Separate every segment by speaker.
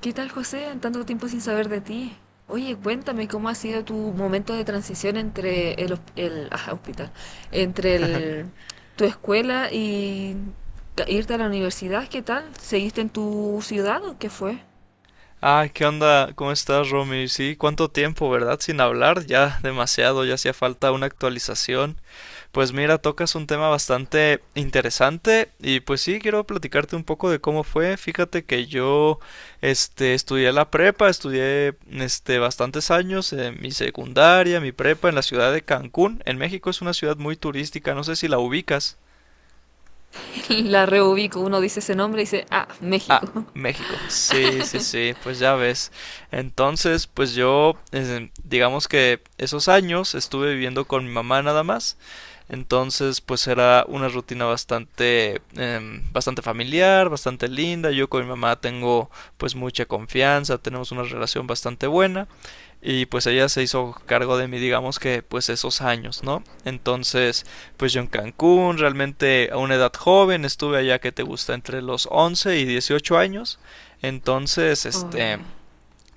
Speaker 1: ¿Qué tal, José? Tanto tiempo sin saber de ti. Oye, cuéntame cómo ha sido tu momento de transición entre el hospital, entre el- tu escuela y irte a la universidad. ¿Qué tal? ¿Seguiste en tu ciudad o qué fue?
Speaker 2: Ah, ¿qué onda? ¿Cómo estás, Romy? Sí, cuánto tiempo, ¿verdad? Sin hablar, ya demasiado, ya hacía falta una actualización. Pues mira, tocas un tema bastante interesante y pues sí, quiero platicarte un poco de cómo fue. Fíjate que yo, estudié la prepa, estudié, bastantes años en mi secundaria, mi prepa en la ciudad de Cancún. En México es una ciudad muy turística, no sé si la ubicas.
Speaker 1: La reubico, uno dice ese nombre y dice, ah,
Speaker 2: Ah,
Speaker 1: México.
Speaker 2: México. Sí, sí, sí, pues ya ves. Entonces, pues yo, digamos que esos años estuve viviendo con mi mamá nada más. Entonces, pues era una rutina bastante, bastante familiar, bastante linda. Yo con mi mamá tengo pues mucha confianza, tenemos una relación bastante buena. Y pues ella se hizo cargo de mí, digamos que pues esos años, ¿no? Entonces, pues yo en Cancún, realmente a una edad joven, estuve allá que te gusta entre los 11 y 18 años. Entonces,
Speaker 1: Oh, ya,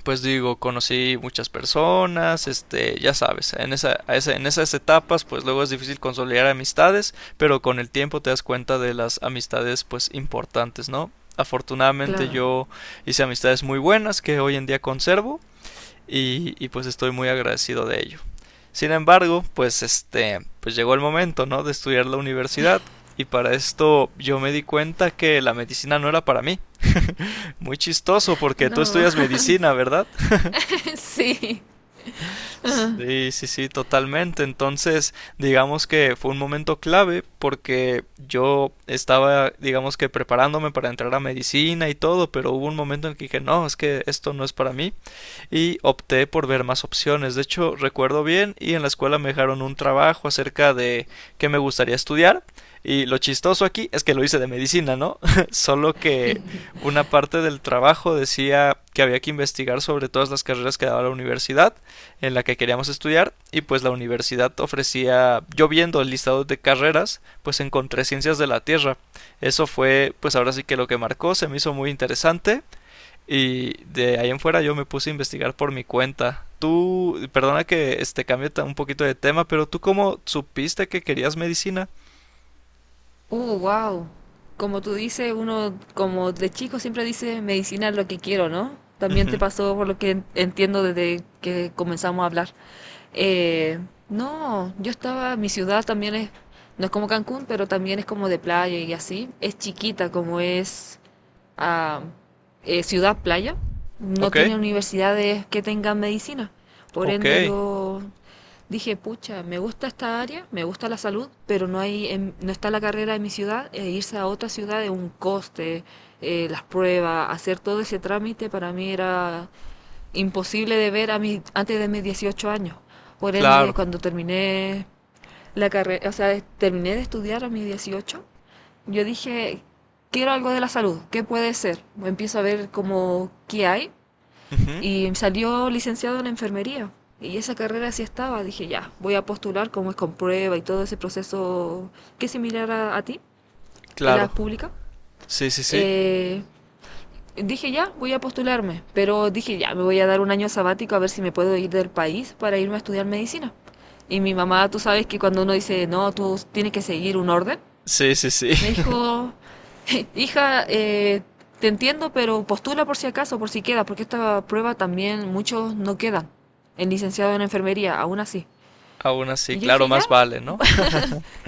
Speaker 2: pues digo, conocí muchas personas, este, ya sabes, en en esas etapas, pues luego es difícil consolidar amistades, pero con el tiempo te das cuenta de las amistades, pues importantes, ¿no? Afortunadamente
Speaker 1: claro.
Speaker 2: yo hice amistades muy buenas que hoy en día conservo y pues estoy muy agradecido de ello. Sin embargo, pues este, pues llegó el momento, ¿no? De estudiar la universidad y para esto yo me di cuenta que la medicina no era para mí. Muy chistoso porque tú
Speaker 1: No,
Speaker 2: estudias medicina, ¿verdad?
Speaker 1: sí.
Speaker 2: Sí, sí, sí, totalmente. Entonces, digamos que fue un momento clave porque yo estaba, digamos que preparándome para entrar a medicina y todo, pero hubo un momento en que dije, no, es que esto no es para mí y opté por ver más opciones. De hecho, recuerdo bien y en la escuela me dejaron un trabajo acerca de qué me gustaría estudiar. Y lo chistoso aquí es que lo hice de medicina, ¿no? Solo que una parte del trabajo decía que había que investigar sobre todas las carreras que daba la universidad en la que queríamos estudiar y pues la universidad ofrecía, yo viendo el listado de carreras, pues encontré ciencias de la Tierra. Eso fue pues ahora sí que lo que marcó, se me hizo muy interesante y de ahí en fuera yo me puse a investigar por mi cuenta. Tú, perdona que este cambie un poquito de tema, pero tú ¿cómo supiste que querías medicina?
Speaker 1: Wow. Como tú dices, uno como de chico siempre dice medicina es lo que quiero, ¿no? También te
Speaker 2: Ujú.
Speaker 1: pasó por lo que entiendo desde que comenzamos a hablar. Eh, no, yo estaba, mi ciudad también es, no es como Cancún, pero también es como de playa y así. Es chiquita como es ah, ciudad playa. No
Speaker 2: Ok,
Speaker 1: tiene universidades que tengan medicina. Por
Speaker 2: ok,
Speaker 1: ende, yo dije, pucha, me gusta esta área, me gusta la salud, pero no hay, no está la carrera en mi ciudad, e irse a otra ciudad es un coste, las pruebas, hacer todo ese trámite para mí era imposible de ver a mí antes de mis 18 años. Por ende,
Speaker 2: claro.
Speaker 1: cuando terminé la carrera, o sea, terminé de estudiar a mis 18, yo dije, quiero algo de la salud, ¿qué puede ser? Empiezo a ver como qué hay
Speaker 2: Ujú,
Speaker 1: y salió licenciado en enfermería. Y esa carrera sí estaba. Dije, ya, voy a postular como es con prueba y todo ese proceso que es similar a ti, en
Speaker 2: claro.
Speaker 1: la pública.
Speaker 2: Sí, sí, sí.
Speaker 1: Eh, dije, ya, voy a postularme. Pero dije, ya, me voy a dar un año sabático a ver si me puedo ir del país para irme a estudiar medicina. Y mi mamá, tú sabes que cuando uno dice, no, tú tienes que seguir un orden,
Speaker 2: Sí, sí, sí.
Speaker 1: me dijo, hija, te entiendo, pero postula por si acaso, por si queda, porque esta prueba también muchos no quedan. El licenciado en enfermería, aún así.
Speaker 2: Aún así,
Speaker 1: Y yo
Speaker 2: claro,
Speaker 1: dije, ya,
Speaker 2: más vale, ¿no?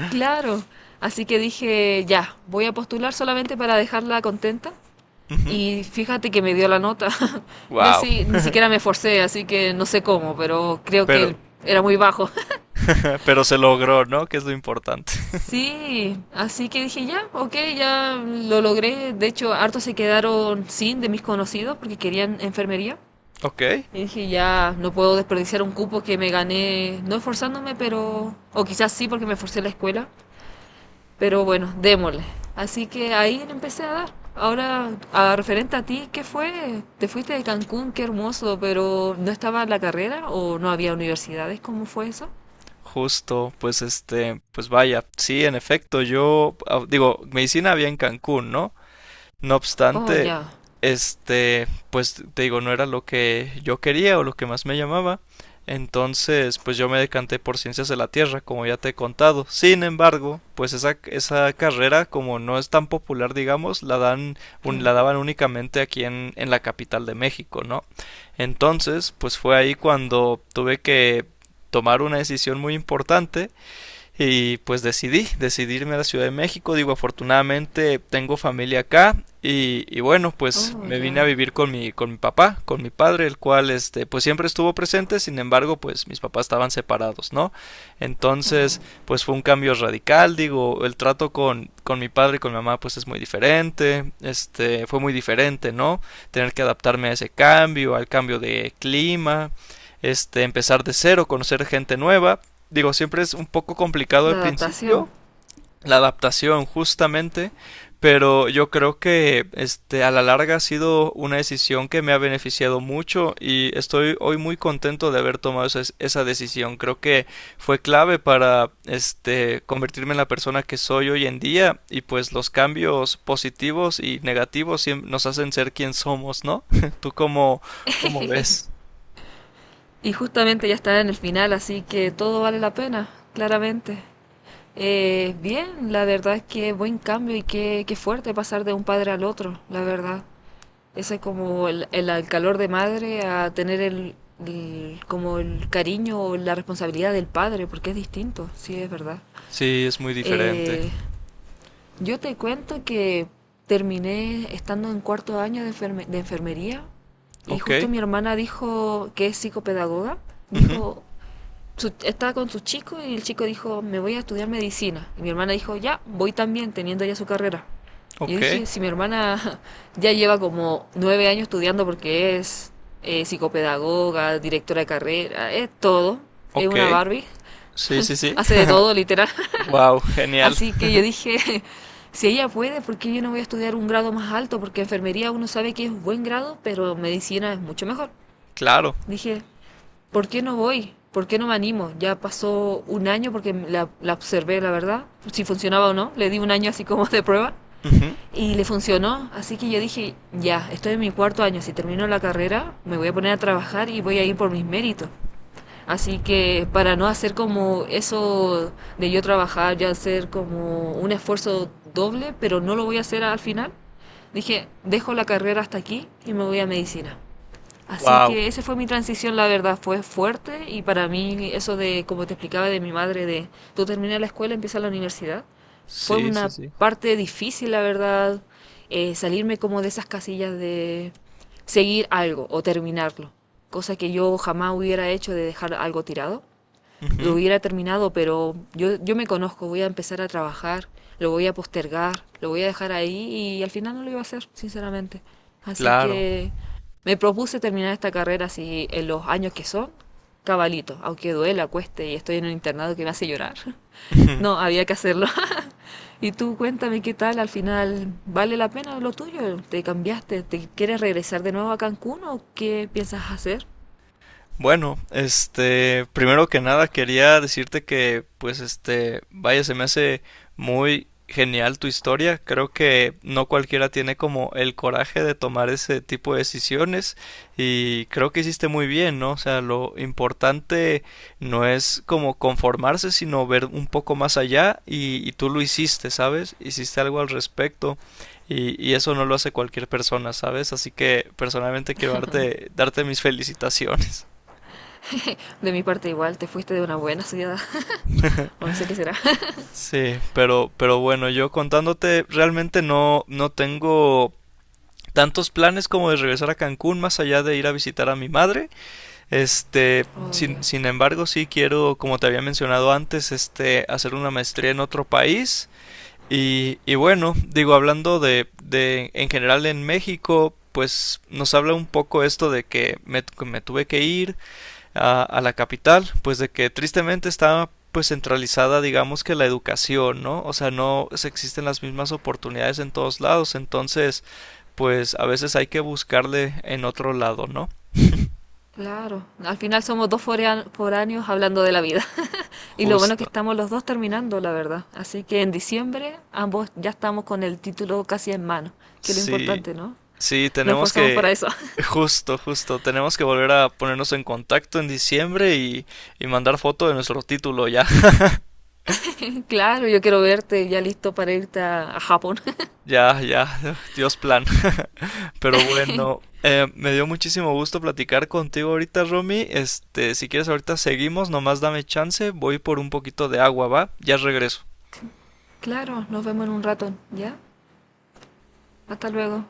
Speaker 1: claro. Así que dije, ya, voy a postular solamente para dejarla contenta.
Speaker 2: Ujú.
Speaker 1: Y fíjate que me dio la nota. Yo
Speaker 2: Wow.
Speaker 1: así ni siquiera me esforcé, así que no sé cómo, pero creo
Speaker 2: Pero,
Speaker 1: que era muy bajo.
Speaker 2: pero se logró, ¿no? Que es lo importante.
Speaker 1: Sí, así que dije ya, ok, ya lo logré. De hecho, hartos se quedaron sin de mis conocidos porque querían enfermería.
Speaker 2: Ok.
Speaker 1: Y dije ya, no puedo desperdiciar un cupo que me gané, no esforzándome, pero, o quizás sí porque me esforcé en la escuela, pero bueno, démosle. Así que ahí le empecé a dar. Ahora, a referente a ti, ¿qué fue? Te fuiste de Cancún, qué hermoso, pero ¿no estaba la carrera o no había universidades? ¿Cómo fue eso?
Speaker 2: Justo, pues este, pues vaya, sí, en efecto, yo ah, digo, medicina había en Cancún, ¿no? No
Speaker 1: Oh,
Speaker 2: obstante,
Speaker 1: ya.
Speaker 2: este, pues te digo, no era lo que yo quería o lo que más me llamaba. Entonces, pues yo me decanté por ciencias de la Tierra, como ya te he contado. Sin embargo, pues esa carrera, como no es tan popular, digamos, la dan,
Speaker 1: Claro.
Speaker 2: la daban únicamente aquí en la capital de México, ¿no? Entonces, pues fue ahí cuando tuve que tomar una decisión muy importante y pues decidí irme a la Ciudad de México. Digo, afortunadamente tengo familia acá. Y bueno, pues
Speaker 1: Oh,
Speaker 2: me
Speaker 1: ya.
Speaker 2: vine a vivir con mi papá, con mi padre, el cual este, pues siempre estuvo presente, sin embargo, pues mis papás estaban separados, ¿no? Entonces, pues fue un cambio radical, digo, el trato con mi padre y con mi mamá, pues es muy diferente, este, fue muy diferente, ¿no? Tener que adaptarme a ese cambio, al cambio de clima, este, empezar de cero, conocer gente nueva. Digo, siempre es un poco complicado al
Speaker 1: La adaptación.
Speaker 2: principio la adaptación justamente, pero yo creo que este a la larga ha sido una decisión que me ha beneficiado mucho y estoy hoy muy contento de haber tomado esa decisión. Creo que fue clave para este convertirme en la persona que soy hoy en día y pues los cambios positivos y negativos nos hacen ser quien somos, ¿no? ¿Tú cómo, cómo ves?
Speaker 1: Y justamente ya está en el final, así que todo vale la pena, claramente. Bien, la verdad es que buen cambio y qué, qué fuerte pasar de un padre al otro, la verdad. Ese es como el calor de madre a tener como el cariño o la responsabilidad del padre, porque es distinto, sí, es verdad.
Speaker 2: Sí, es muy diferente.
Speaker 1: Eh, yo te cuento que terminé estando en cuarto año de enfermería y
Speaker 2: Ok.
Speaker 1: justo mi hermana dijo que es psicopedagoga,
Speaker 2: Ujú,
Speaker 1: dijo, estaba con su chico y el chico dijo, me voy a estudiar medicina. Y mi hermana dijo, ya, voy también, teniendo ya su carrera. Y yo
Speaker 2: ok.
Speaker 1: dije, si mi hermana ya lleva como 9 años estudiando porque es psicopedagoga, directora de carrera, es todo, es
Speaker 2: Ok,
Speaker 1: una Barbie,
Speaker 2: sí, sí, sí.
Speaker 1: hace de todo, literal.
Speaker 2: Wow, genial.
Speaker 1: Así que yo dije, si ella puede, ¿por qué yo no voy a estudiar un grado más alto? Porque enfermería uno sabe que es un buen grado, pero medicina es mucho mejor.
Speaker 2: Claro.
Speaker 1: Dije, ¿por qué no voy? ¿Por qué no me animo? Ya pasó un año porque la observé, la verdad, si funcionaba o no. Le di un año así como de prueba y le funcionó. Así que yo dije, ya, estoy en mi cuarto año. Si termino la carrera, me voy a poner a trabajar y voy a ir por mis méritos. Así que para no hacer como eso de yo trabajar, ya hacer como un esfuerzo doble, pero no lo voy a hacer al final, dije, dejo la carrera hasta aquí y me voy a medicina. Así
Speaker 2: Wow.
Speaker 1: que esa fue mi transición, la verdad, fue fuerte y para mí eso de, como te explicaba de mi madre, de tú terminas la escuela, empiezas la universidad, fue
Speaker 2: Sí, sí,
Speaker 1: una
Speaker 2: sí.
Speaker 1: parte difícil, la verdad, salirme como de esas casillas de seguir algo o terminarlo, cosa que yo jamás hubiera hecho de dejar algo tirado lo
Speaker 2: Ujú.
Speaker 1: hubiera terminado, pero yo me conozco, voy a empezar a trabajar, lo voy a postergar, lo voy a dejar ahí y al final no lo iba a hacer, sinceramente. Así
Speaker 2: Claro.
Speaker 1: que me propuse terminar esta carrera así en los años que son, cabalito, aunque duela, cueste y estoy en un internado que me hace llorar. No, había que hacerlo. Y tú cuéntame qué tal, al final, ¿vale la pena lo tuyo? ¿Te cambiaste? ¿Te quieres regresar de nuevo a Cancún o qué piensas hacer?
Speaker 2: Bueno, este, primero que nada quería decirte que, pues, este, vaya, se me hace muy genial tu historia. Creo que no cualquiera tiene como el coraje de tomar ese tipo de decisiones y creo que hiciste muy bien, ¿no? O sea, lo importante no es como conformarse, sino ver un poco más allá y tú lo hiciste, ¿sabes? Hiciste algo al respecto y eso no lo hace cualquier persona, ¿sabes? Así que personalmente quiero darte mis felicitaciones.
Speaker 1: De mi parte igual, te fuiste de una buena ciudad, o no sé qué será.
Speaker 2: Sí, pero bueno, yo contándote, realmente no tengo tantos planes como de regresar a Cancún, más allá de ir a visitar a mi madre. Este,
Speaker 1: Oye,
Speaker 2: sin embargo, sí quiero, como te había mencionado antes, este, hacer una maestría en otro país. Y bueno, digo, hablando de en general en México, pues nos habla un poco esto de que me tuve que ir, a la capital, pues de que tristemente está pues centralizada digamos que la educación, ¿no? O sea, no se existen las mismas oportunidades en todos lados, entonces pues a veces hay que buscarle en otro lado, ¿no?
Speaker 1: claro. Al final somos dos foráneos hablando de la vida. Y lo bueno es que
Speaker 2: Justo.
Speaker 1: estamos los dos terminando, la verdad. Así que en diciembre ambos ya estamos con el título casi en mano, que es lo
Speaker 2: Sí,
Speaker 1: importante, ¿no?
Speaker 2: sí,
Speaker 1: Nos
Speaker 2: tenemos
Speaker 1: esforzamos para
Speaker 2: que.
Speaker 1: eso.
Speaker 2: Justo, justo. Tenemos que volver a ponernos en contacto en diciembre y mandar foto de nuestro título ya.
Speaker 1: Claro, yo quiero verte ya listo para irte a Japón.
Speaker 2: Ya, ya, Dios plan. Pero bueno, me dio muchísimo gusto platicar contigo ahorita, Romy. Este, si quieres ahorita seguimos, nomás dame chance, voy por un poquito de agua, ¿va? Ya regreso.
Speaker 1: Claro, nos vemos en un rato, ¿ya? Hasta luego.